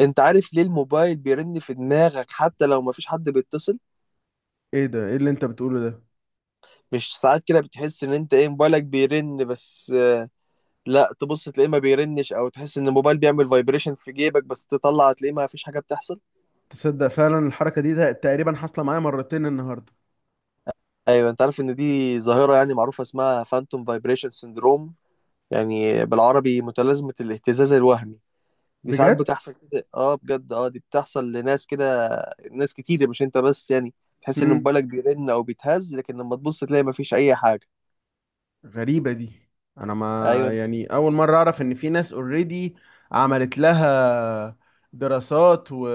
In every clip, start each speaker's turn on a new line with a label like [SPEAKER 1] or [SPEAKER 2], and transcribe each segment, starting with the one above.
[SPEAKER 1] انت عارف ليه الموبايل بيرن في دماغك حتى لو مفيش حد بيتصل؟
[SPEAKER 2] ايه ده؟ ايه اللي انت بتقوله ده؟
[SPEAKER 1] مش ساعات كده بتحس ان انت ايه موبايلك بيرن بس لا، تبص تلاقيه ما بيرنش او تحس ان الموبايل بيعمل فايبريشن في جيبك بس تطلع تلاقيه ما فيش حاجة بتحصل.
[SPEAKER 2] تصدق فعلا الحركه دي ده تقريبا حاصله معايا مرتين النهارده.
[SPEAKER 1] ايوه، انت عارف ان دي ظاهرة يعني معروفة اسمها فانتوم فايبريشن سيندروم، يعني بالعربي متلازمة الاهتزاز الوهمي. دي ساعات
[SPEAKER 2] بجد.
[SPEAKER 1] بتحصل كده، بجد، دي بتحصل لناس كده. ناس كتير مش انت بس، يعني تحس ان
[SPEAKER 2] امم
[SPEAKER 1] موبايلك بيرن او بيتهز لكن لما تبص تلاقي مفيش اي حاجة.
[SPEAKER 2] غريبه دي. انا ما.
[SPEAKER 1] ايوه،
[SPEAKER 2] يعني اول مره اعرف ان في ناس اوريدي عملت لها دراسات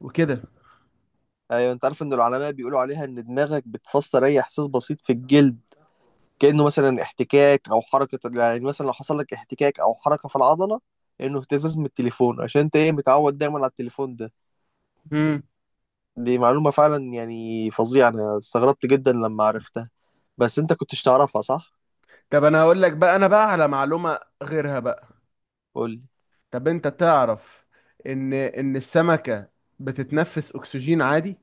[SPEAKER 2] وكده.
[SPEAKER 1] ايوه، انت عارف ان العلماء بيقولوا عليها ان دماغك بتفسر اي احساس بسيط في الجلد، كانه مثلا احتكاك او حركه، يعني مثلا لو حصل لك احتكاك او حركه في العضله، انه اهتزاز من التليفون عشان انت ايه متعود دايما على التليفون ده.
[SPEAKER 2] امم
[SPEAKER 1] دي معلومه فعلا يعني فظيعه، انا استغربت جدا لما عرفتها. بس انت كنتش تعرفها، صح؟
[SPEAKER 2] طب انا هقول لك بقى، انا بقى على معلومه غيرها بقى.
[SPEAKER 1] قول لي.
[SPEAKER 2] طب انت تعرف ان السمكه بتتنفس اكسجين عادي.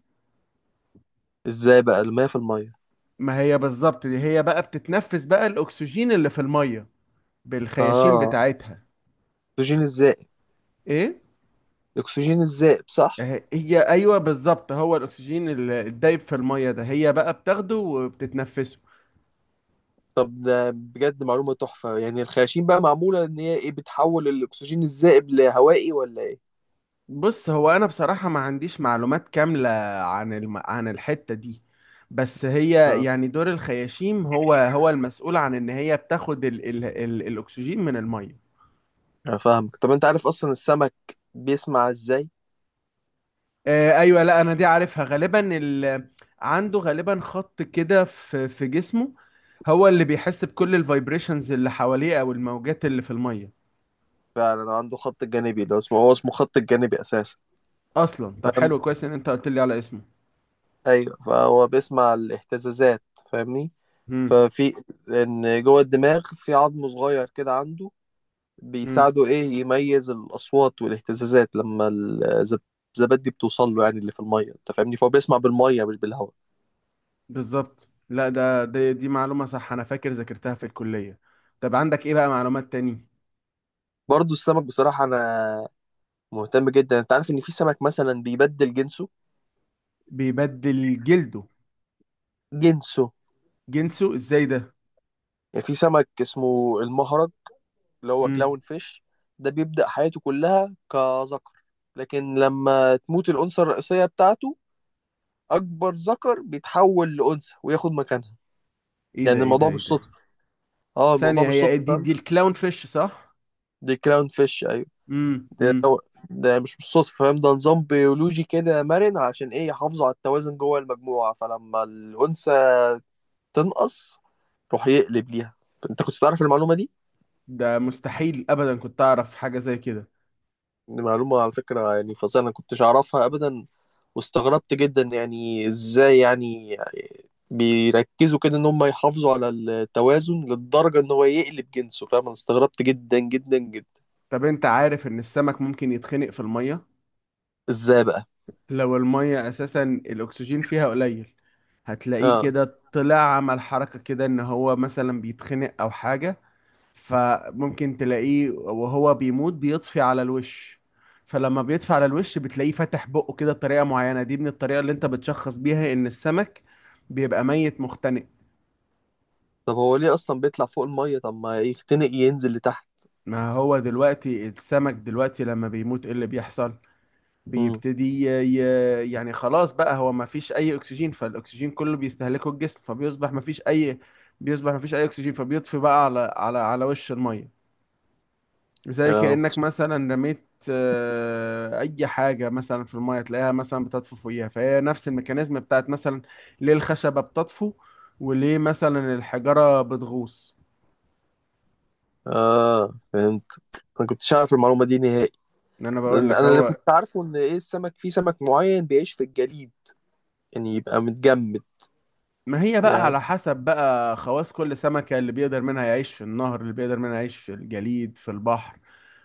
[SPEAKER 1] ازاي بقى؟ المية في المية.
[SPEAKER 2] ما هي بالظبط دي، هي بقى بتتنفس بقى الاكسجين اللي في الميه بالخياشيم
[SPEAKER 1] اه.
[SPEAKER 2] بتاعتها.
[SPEAKER 1] اكسجين الزائب.
[SPEAKER 2] ايه؟
[SPEAKER 1] اكسجين الزائب، صح؟
[SPEAKER 2] هي ايوه بالظبط، هو الاكسجين الدايب في الميه ده، هي بقى بتاخده وبتتنفسه.
[SPEAKER 1] طب ده بجد معلومه تحفه، يعني الخياشيم بقى معموله ان هي ايه بتحول الاكسجين الزائب لهوائي ولا ايه؟
[SPEAKER 2] بص، هو انا بصراحه ما عنديش معلومات كامله عن عن الحته دي، بس هي
[SPEAKER 1] اه،
[SPEAKER 2] يعني دور الخياشيم هو هو المسؤول عن ان هي بتاخد الاكسجين من الميه.
[SPEAKER 1] انا فاهمك. طب انت عارف اصلا السمك بيسمع ازاي؟
[SPEAKER 2] ايوه، لا انا دي عارفها، عنده غالبا خط كده في جسمه، هو اللي بيحس بكل الفايبريشنز اللي حواليه او الموجات اللي في الميه
[SPEAKER 1] فعلا عنده خط الجانبي، لو اسمه هو اسمه خط الجانبي اساسا.
[SPEAKER 2] اصلا. طب
[SPEAKER 1] فاهم.
[SPEAKER 2] حلو، كويس ان انت قلت لي على اسمه.
[SPEAKER 1] ايوه، فهو بيسمع الاهتزازات، فاهمني.
[SPEAKER 2] امم.
[SPEAKER 1] ففي، ان جوه الدماغ في عظم صغير كده عنده
[SPEAKER 2] امم.
[SPEAKER 1] بيساعده ايه يميز الاصوات والاهتزازات لما الزبادي بتوصل له، يعني اللي في الميه، انت فاهمني، فهو بيسمع بالميه مش بالهواء.
[SPEAKER 2] بالظبط، لا ده دي معلومة صح، انا فاكر ذاكرتها في الكلية. طب عندك ايه بقى معلومات تاني؟
[SPEAKER 1] برضه السمك بصراحه انا مهتم جدا. انت عارف ان في سمك مثلا بيبدل جنسه؟
[SPEAKER 2] بيبدل جلده؟
[SPEAKER 1] جنسه.
[SPEAKER 2] جنسه ازاي ده؟
[SPEAKER 1] يعني في سمك اسمه المهرج، اللي هو
[SPEAKER 2] امم.
[SPEAKER 1] كلاون فيش، ده بيبدأ حياته كلها كذكر، لكن لما تموت الأنثى الرئيسية بتاعته، أكبر ذكر بيتحول لأنثى وياخد مكانها.
[SPEAKER 2] ايه ده؟
[SPEAKER 1] يعني
[SPEAKER 2] ايه ده؟
[SPEAKER 1] الموضوع
[SPEAKER 2] ايه
[SPEAKER 1] مش
[SPEAKER 2] ده؟
[SPEAKER 1] صدفة. اه الموضوع
[SPEAKER 2] ثانية،
[SPEAKER 1] مش
[SPEAKER 2] هي إيه
[SPEAKER 1] صدفة،
[SPEAKER 2] دي؟
[SPEAKER 1] فاهم.
[SPEAKER 2] دي الكلاون فيش صح؟
[SPEAKER 1] دي كلاون فيش، أيوه.
[SPEAKER 2] امم.
[SPEAKER 1] ده,
[SPEAKER 2] امم.
[SPEAKER 1] ده ده مش صدفة، فاهم، ده نظام بيولوجي كده مرن عشان إيه يحافظوا على التوازن جوه المجموعة، فلما الأنثى تنقص، روح يقلب ليها. أنت كنت تعرف المعلومة دي؟
[SPEAKER 2] ده مستحيل ابدا كنت اعرف حاجة زي كده.
[SPEAKER 1] دي معلومة على فكرة يعني فظيعة، أنا كنتش أعرفها أبدا، واستغربت جدا، يعني إزاي يعني بيركزوا كده إن هم يحافظوا على التوازن للدرجة إن هو يقلب جنسه، فاهم، أنا استغربت جدا جدا جدا.
[SPEAKER 2] طب انت عارف ان السمك ممكن يتخنق في المية؟
[SPEAKER 1] إزاي بقى؟
[SPEAKER 2] لو المية اساسا الاكسجين فيها قليل، هتلاقيه
[SPEAKER 1] آه.
[SPEAKER 2] كده طلع عمل حركة كده ان هو مثلا بيتخنق او حاجة. فممكن تلاقيه وهو بيموت بيطفي على الوش. فلما بيطفي على الوش، بتلاقيه فاتح بقه كده بطريقة معينة. دي من الطريقة اللي انت بتشخص بيها ان السمك بيبقى ميت مختنق.
[SPEAKER 1] طب هو ليه أصلا بيطلع فوق المية؟ طب ما يختنق، ينزل لتحت.
[SPEAKER 2] ما هو دلوقتي السمك دلوقتي لما بيموت، ايه اللي بيحصل؟
[SPEAKER 1] امم.
[SPEAKER 2] بيبتدي ي... يعني خلاص بقى، هو ما فيش اي اكسجين، فالاكسجين كله بيستهلكه الجسم، فبيصبح ما فيش اي بيصبح ما فيش اي اكسجين، فبيطفي بقى على وش المية. زي
[SPEAKER 1] آه.
[SPEAKER 2] كأنك مثلا رميت أي حاجة مثلا في المية تلاقيها مثلا بتطفو فوقيها. فهي نفس الميكانيزم بتاعت مثلا ليه الخشبة بتطفو وليه مثلا الحجارة بتغوص.
[SPEAKER 1] آه، فهمت. أنا كنتش أعرف المعلومة دي نهائي.
[SPEAKER 2] إن أنا بقول
[SPEAKER 1] أنا
[SPEAKER 2] لك
[SPEAKER 1] اللي
[SPEAKER 2] هو
[SPEAKER 1] كنت عارفه إن إيه السمك، في سمك معين بيعيش في الجليد، يعني يبقى متجمد.
[SPEAKER 2] ما هي بقى
[SPEAKER 1] يعني،
[SPEAKER 2] على حسب بقى خواص كل سمكة، اللي بيقدر منها يعيش في النهر، اللي بيقدر منها يعيش في الجليد، في البحر،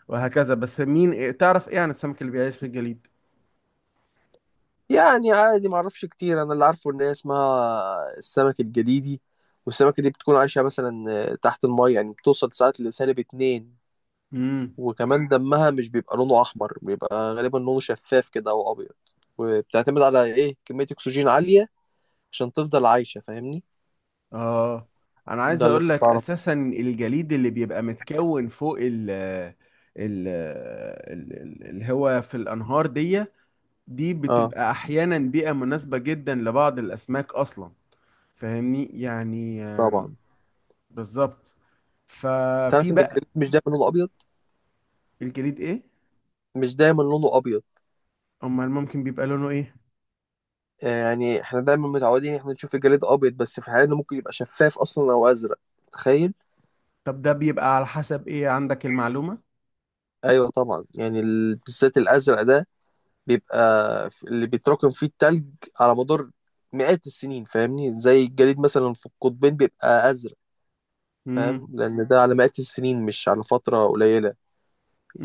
[SPEAKER 2] وهكذا. بس مين تعرف إيه عن السمك اللي بيعيش في الجليد؟
[SPEAKER 1] يعني عادي، ما اعرفش كتير. انا اللي عارفه ان هي اسمها السمك الجليدي، والسمكه دي بتكون عايشه مثلا تحت الماء، يعني بتوصل ساعات لسالب اتنين. وكمان دمها مش بيبقى لونه احمر، بيبقى غالبا لونه شفاف كده او ابيض، وبتعتمد على ايه كميه اكسجين عاليه عشان تفضل عايشه، فاهمني.
[SPEAKER 2] اه. انا عايز
[SPEAKER 1] ده اللي
[SPEAKER 2] اقول
[SPEAKER 1] كنت
[SPEAKER 2] لك
[SPEAKER 1] اعرفه.
[SPEAKER 2] اساسا الجليد اللي بيبقى متكون فوق اللي هو في الانهار دي، دي
[SPEAKER 1] اه،
[SPEAKER 2] بتبقى احيانا بيئة مناسبة جدا لبعض الاسماك اصلا. فاهمني، يعني
[SPEAKER 1] طبعا.
[SPEAKER 2] بالظبط.
[SPEAKER 1] تعرف
[SPEAKER 2] ففي
[SPEAKER 1] ان الجليد
[SPEAKER 2] بقى.
[SPEAKER 1] مش دايما لونه ابيض؟
[SPEAKER 2] الجليد ايه؟
[SPEAKER 1] مش دايما لونه ابيض.
[SPEAKER 2] امال ممكن بيبقى لونه ايه؟
[SPEAKER 1] يعني احنا دايما متعودين احنا نشوف الجليد ابيض، بس في الحقيقه انه ممكن يبقى شفاف اصلا او ازرق. تخيل.
[SPEAKER 2] طب ده بيبقى على حسب ايه عندك المعلومة؟
[SPEAKER 1] ايوه طبعا، يعني بالذات الازرق ده بيبقى، اللي بيتراكم فيه التلج على مدار مئات السنين، فاهمني، زي الجليد مثلا في القطبين بيبقى ازرق. فاهم،
[SPEAKER 2] امم.
[SPEAKER 1] لان ده على مئات السنين مش على فتره قليله.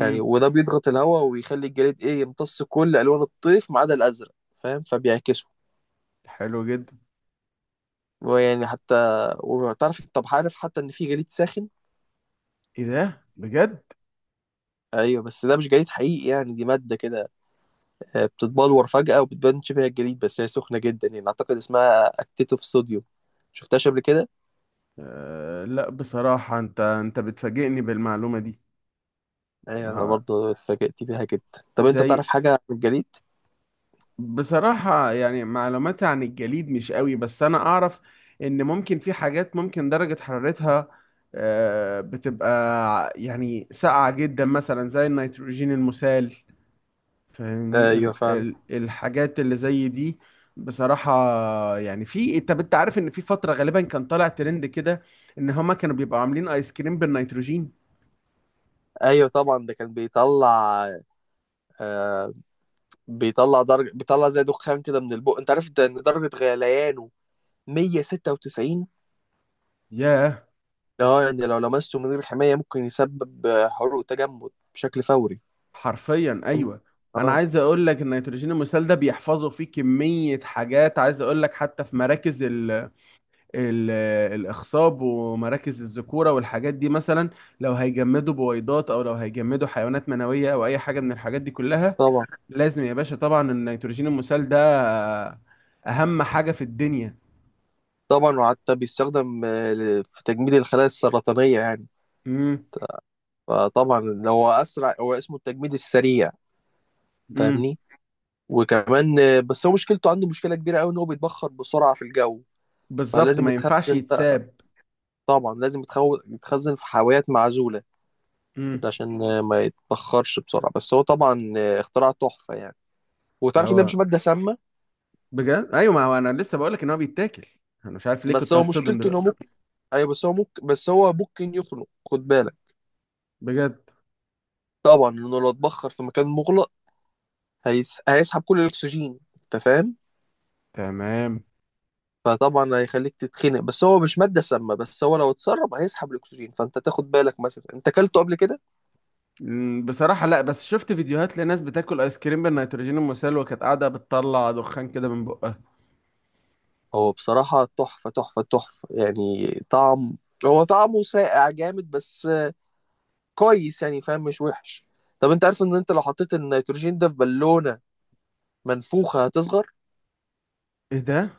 [SPEAKER 1] يعني وده بيضغط الهواء ويخلي الجليد ايه يمتص كل الوان الطيف ما عدا الازرق، فاهم، فبيعكسه.
[SPEAKER 2] حلو جدا.
[SPEAKER 1] ويعني حتى، وتعرف؟ طب عارف حتى ان في جليد ساخن؟
[SPEAKER 2] ايه ده بجد؟
[SPEAKER 1] ايوه، بس ده مش جليد حقيقي، يعني دي ماده كده بتتبلور فجأة وبتبان شبه الجليد، بس هي سخنة جدا، يعني أعتقد اسمها أكتيتوف صوديوم. شفتهاش قبل كده؟
[SPEAKER 2] أه لا بصراحة انت بتفاجئني بالمعلومة دي.
[SPEAKER 1] أيوة، أنا
[SPEAKER 2] ها؟
[SPEAKER 1] برضه اتفاجأت بيها جدا. طب أنت
[SPEAKER 2] زي.
[SPEAKER 1] تعرف حاجة عن الجليد؟
[SPEAKER 2] بصراحة يعني معلوماتي عن الجليد مش قوي، بس انا اعرف ان ممكن في حاجات ممكن درجة حرارتها أه بتبقى يعني ساقعة جدا، مثلا زي النيتروجين المسال. فاهمني،
[SPEAKER 1] أيوة
[SPEAKER 2] ال
[SPEAKER 1] فعلا.
[SPEAKER 2] ال الحاجات اللي زي دي. بصراحة يعني في. طب انت عارف ان في فترة غالبا كان طالع ترند كده ان هما كانوا بيبقوا عاملين ايس كريم بالنيتروجين؟
[SPEAKER 1] أيوة طبعا ده كان بيطلع، آه بيطلع درجة، بيطلع زي دخان كده من البق، أنت عارف ده، إن درجة غليانه 196.
[SPEAKER 2] ياه.
[SPEAKER 1] اه، يعني لو لمسته من غير حماية ممكن يسبب حروق تجمد بشكل فوري.
[SPEAKER 2] حرفيا ايوه. انا
[SPEAKER 1] اه
[SPEAKER 2] عايز اقول لك النيتروجين المسال ده بيحفظوا فيه كميه حاجات. عايز اقول لك حتى في مراكز ال ال الاخصاب، ومراكز الذكوره، والحاجات دي مثلا، لو هيجمدوا بويضات او لو هيجمدوا حيوانات منويه او اي حاجه من الحاجات دي كلها،
[SPEAKER 1] طبعا.
[SPEAKER 2] لازم يا باشا طبعا النيتروجين المسال ده اهم حاجه في الدنيا.
[SPEAKER 1] طبعا، وحتى بيستخدم في تجميد الخلايا السرطانية، يعني
[SPEAKER 2] امم.
[SPEAKER 1] فطبعا هو اسرع، هو اسمه التجميد السريع،
[SPEAKER 2] امم.
[SPEAKER 1] فاهمني. وكمان بس هو مشكلته عنده مشكله كبيره قوي ان هو بيتبخر بسرعه في الجو،
[SPEAKER 2] بالظبط،
[SPEAKER 1] فلازم
[SPEAKER 2] ما ينفعش
[SPEAKER 1] يتخزن بقى.
[SPEAKER 2] يتساب.
[SPEAKER 1] طبعا لازم يتخزن في حاويات معزوله
[SPEAKER 2] امم.
[SPEAKER 1] عشان ما يتبخرش بسرعه، بس هو طبعا اختراع تحفه يعني. وتعرف ان ده مش
[SPEAKER 2] هو
[SPEAKER 1] ماده سامه؟
[SPEAKER 2] بجد؟ ايوه، ما هو انا لسه بقول لك ان هو بيتاكل. انا مش عارف ليه
[SPEAKER 1] بس
[SPEAKER 2] كنت
[SPEAKER 1] هو
[SPEAKER 2] هتصدم
[SPEAKER 1] مشكلته انه
[SPEAKER 2] دلوقتي.
[SPEAKER 1] ممكن. ايوه، بس هو ممكن يخنق، خد بالك.
[SPEAKER 2] بجد.
[SPEAKER 1] طبعا، لانه لو اتبخر في مكان مغلق هيسحب كل الاكسجين، انت فاهم.
[SPEAKER 2] تمام.
[SPEAKER 1] فطبعا هيخليك تتخنق، بس هو مش ماده سامه، بس هو لو اتسرب هيسحب الاكسجين، فانت تاخد بالك. مثلا انت اكلته قبل كده؟
[SPEAKER 2] بصراحة لا، بس شفت فيديوهات لناس بتاكل ايس كريم بالنيتروجين المسال وكانت قاعدة بتطلع دخان كده من بقها.
[SPEAKER 1] هو بصراحه تحفه تحفه تحفه، يعني طعم، هو طعمه ساقع جامد، بس كويس يعني، فاهم، مش وحش. طب انت عارف ان انت لو حطيت النيتروجين ده في بالونه منفوخه هتصغر؟
[SPEAKER 2] ايه ده؟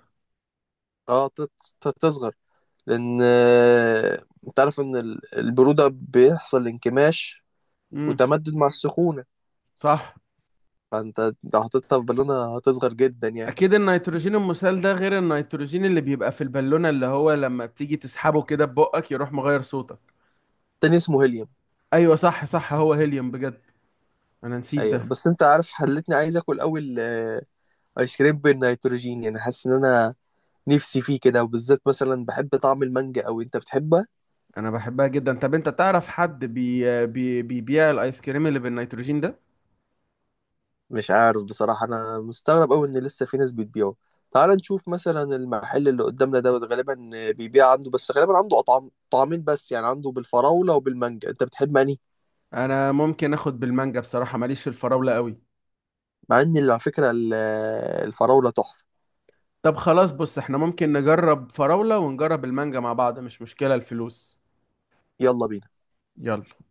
[SPEAKER 1] اه، هتصغر، لان انت عارف ان البروده بيحصل انكماش
[SPEAKER 2] امم.
[SPEAKER 1] وتمدد مع السخونه،
[SPEAKER 2] صح.
[SPEAKER 1] فانت لو حطيتها في بالونه هتصغر جدا يعني.
[SPEAKER 2] اكيد النيتروجين المسال ده غير النيتروجين اللي بيبقى في البالونة اللي هو لما بتيجي تسحبه كده ببقك يروح مغير صوتك.
[SPEAKER 1] تاني اسمه هيليوم.
[SPEAKER 2] ايوه صح صح، هو هيليوم بجد، انا نسيت
[SPEAKER 1] ايوه.
[SPEAKER 2] ده.
[SPEAKER 1] بس انت عارف خلتني عايز اكل اول ايس كريم بالنيتروجين، يعني حاسس ان انا نفسي فيه كده، وبالذات مثلا بحب طعم المانجا، او انت بتحبها؟
[SPEAKER 2] انا بحبها جدا. طب انت تعرف حد بي بي بيبيع الايس كريم اللي بالنيتروجين ده؟
[SPEAKER 1] مش عارف بصراحه، انا مستغرب قوي ان لسه في ناس بتبيعه. تعال نشوف مثلا المحل اللي قدامنا دوت غالبا بيبيع عنده، بس غالبا عنده اطعم طعمين بس، يعني عنده بالفراوله وبالمانجا، انت بتحب انهي؟
[SPEAKER 2] انا ممكن اخد بالمانجا بصراحة، ماليش في الفراولة قوي.
[SPEAKER 1] مع ان على فكره الفراوله تحفه.
[SPEAKER 2] طب خلاص، بص احنا ممكن نجرب فراولة ونجرب المانجا مع بعض، مش مشكلة الفلوس.
[SPEAKER 1] يلا بينا.
[SPEAKER 2] يلا.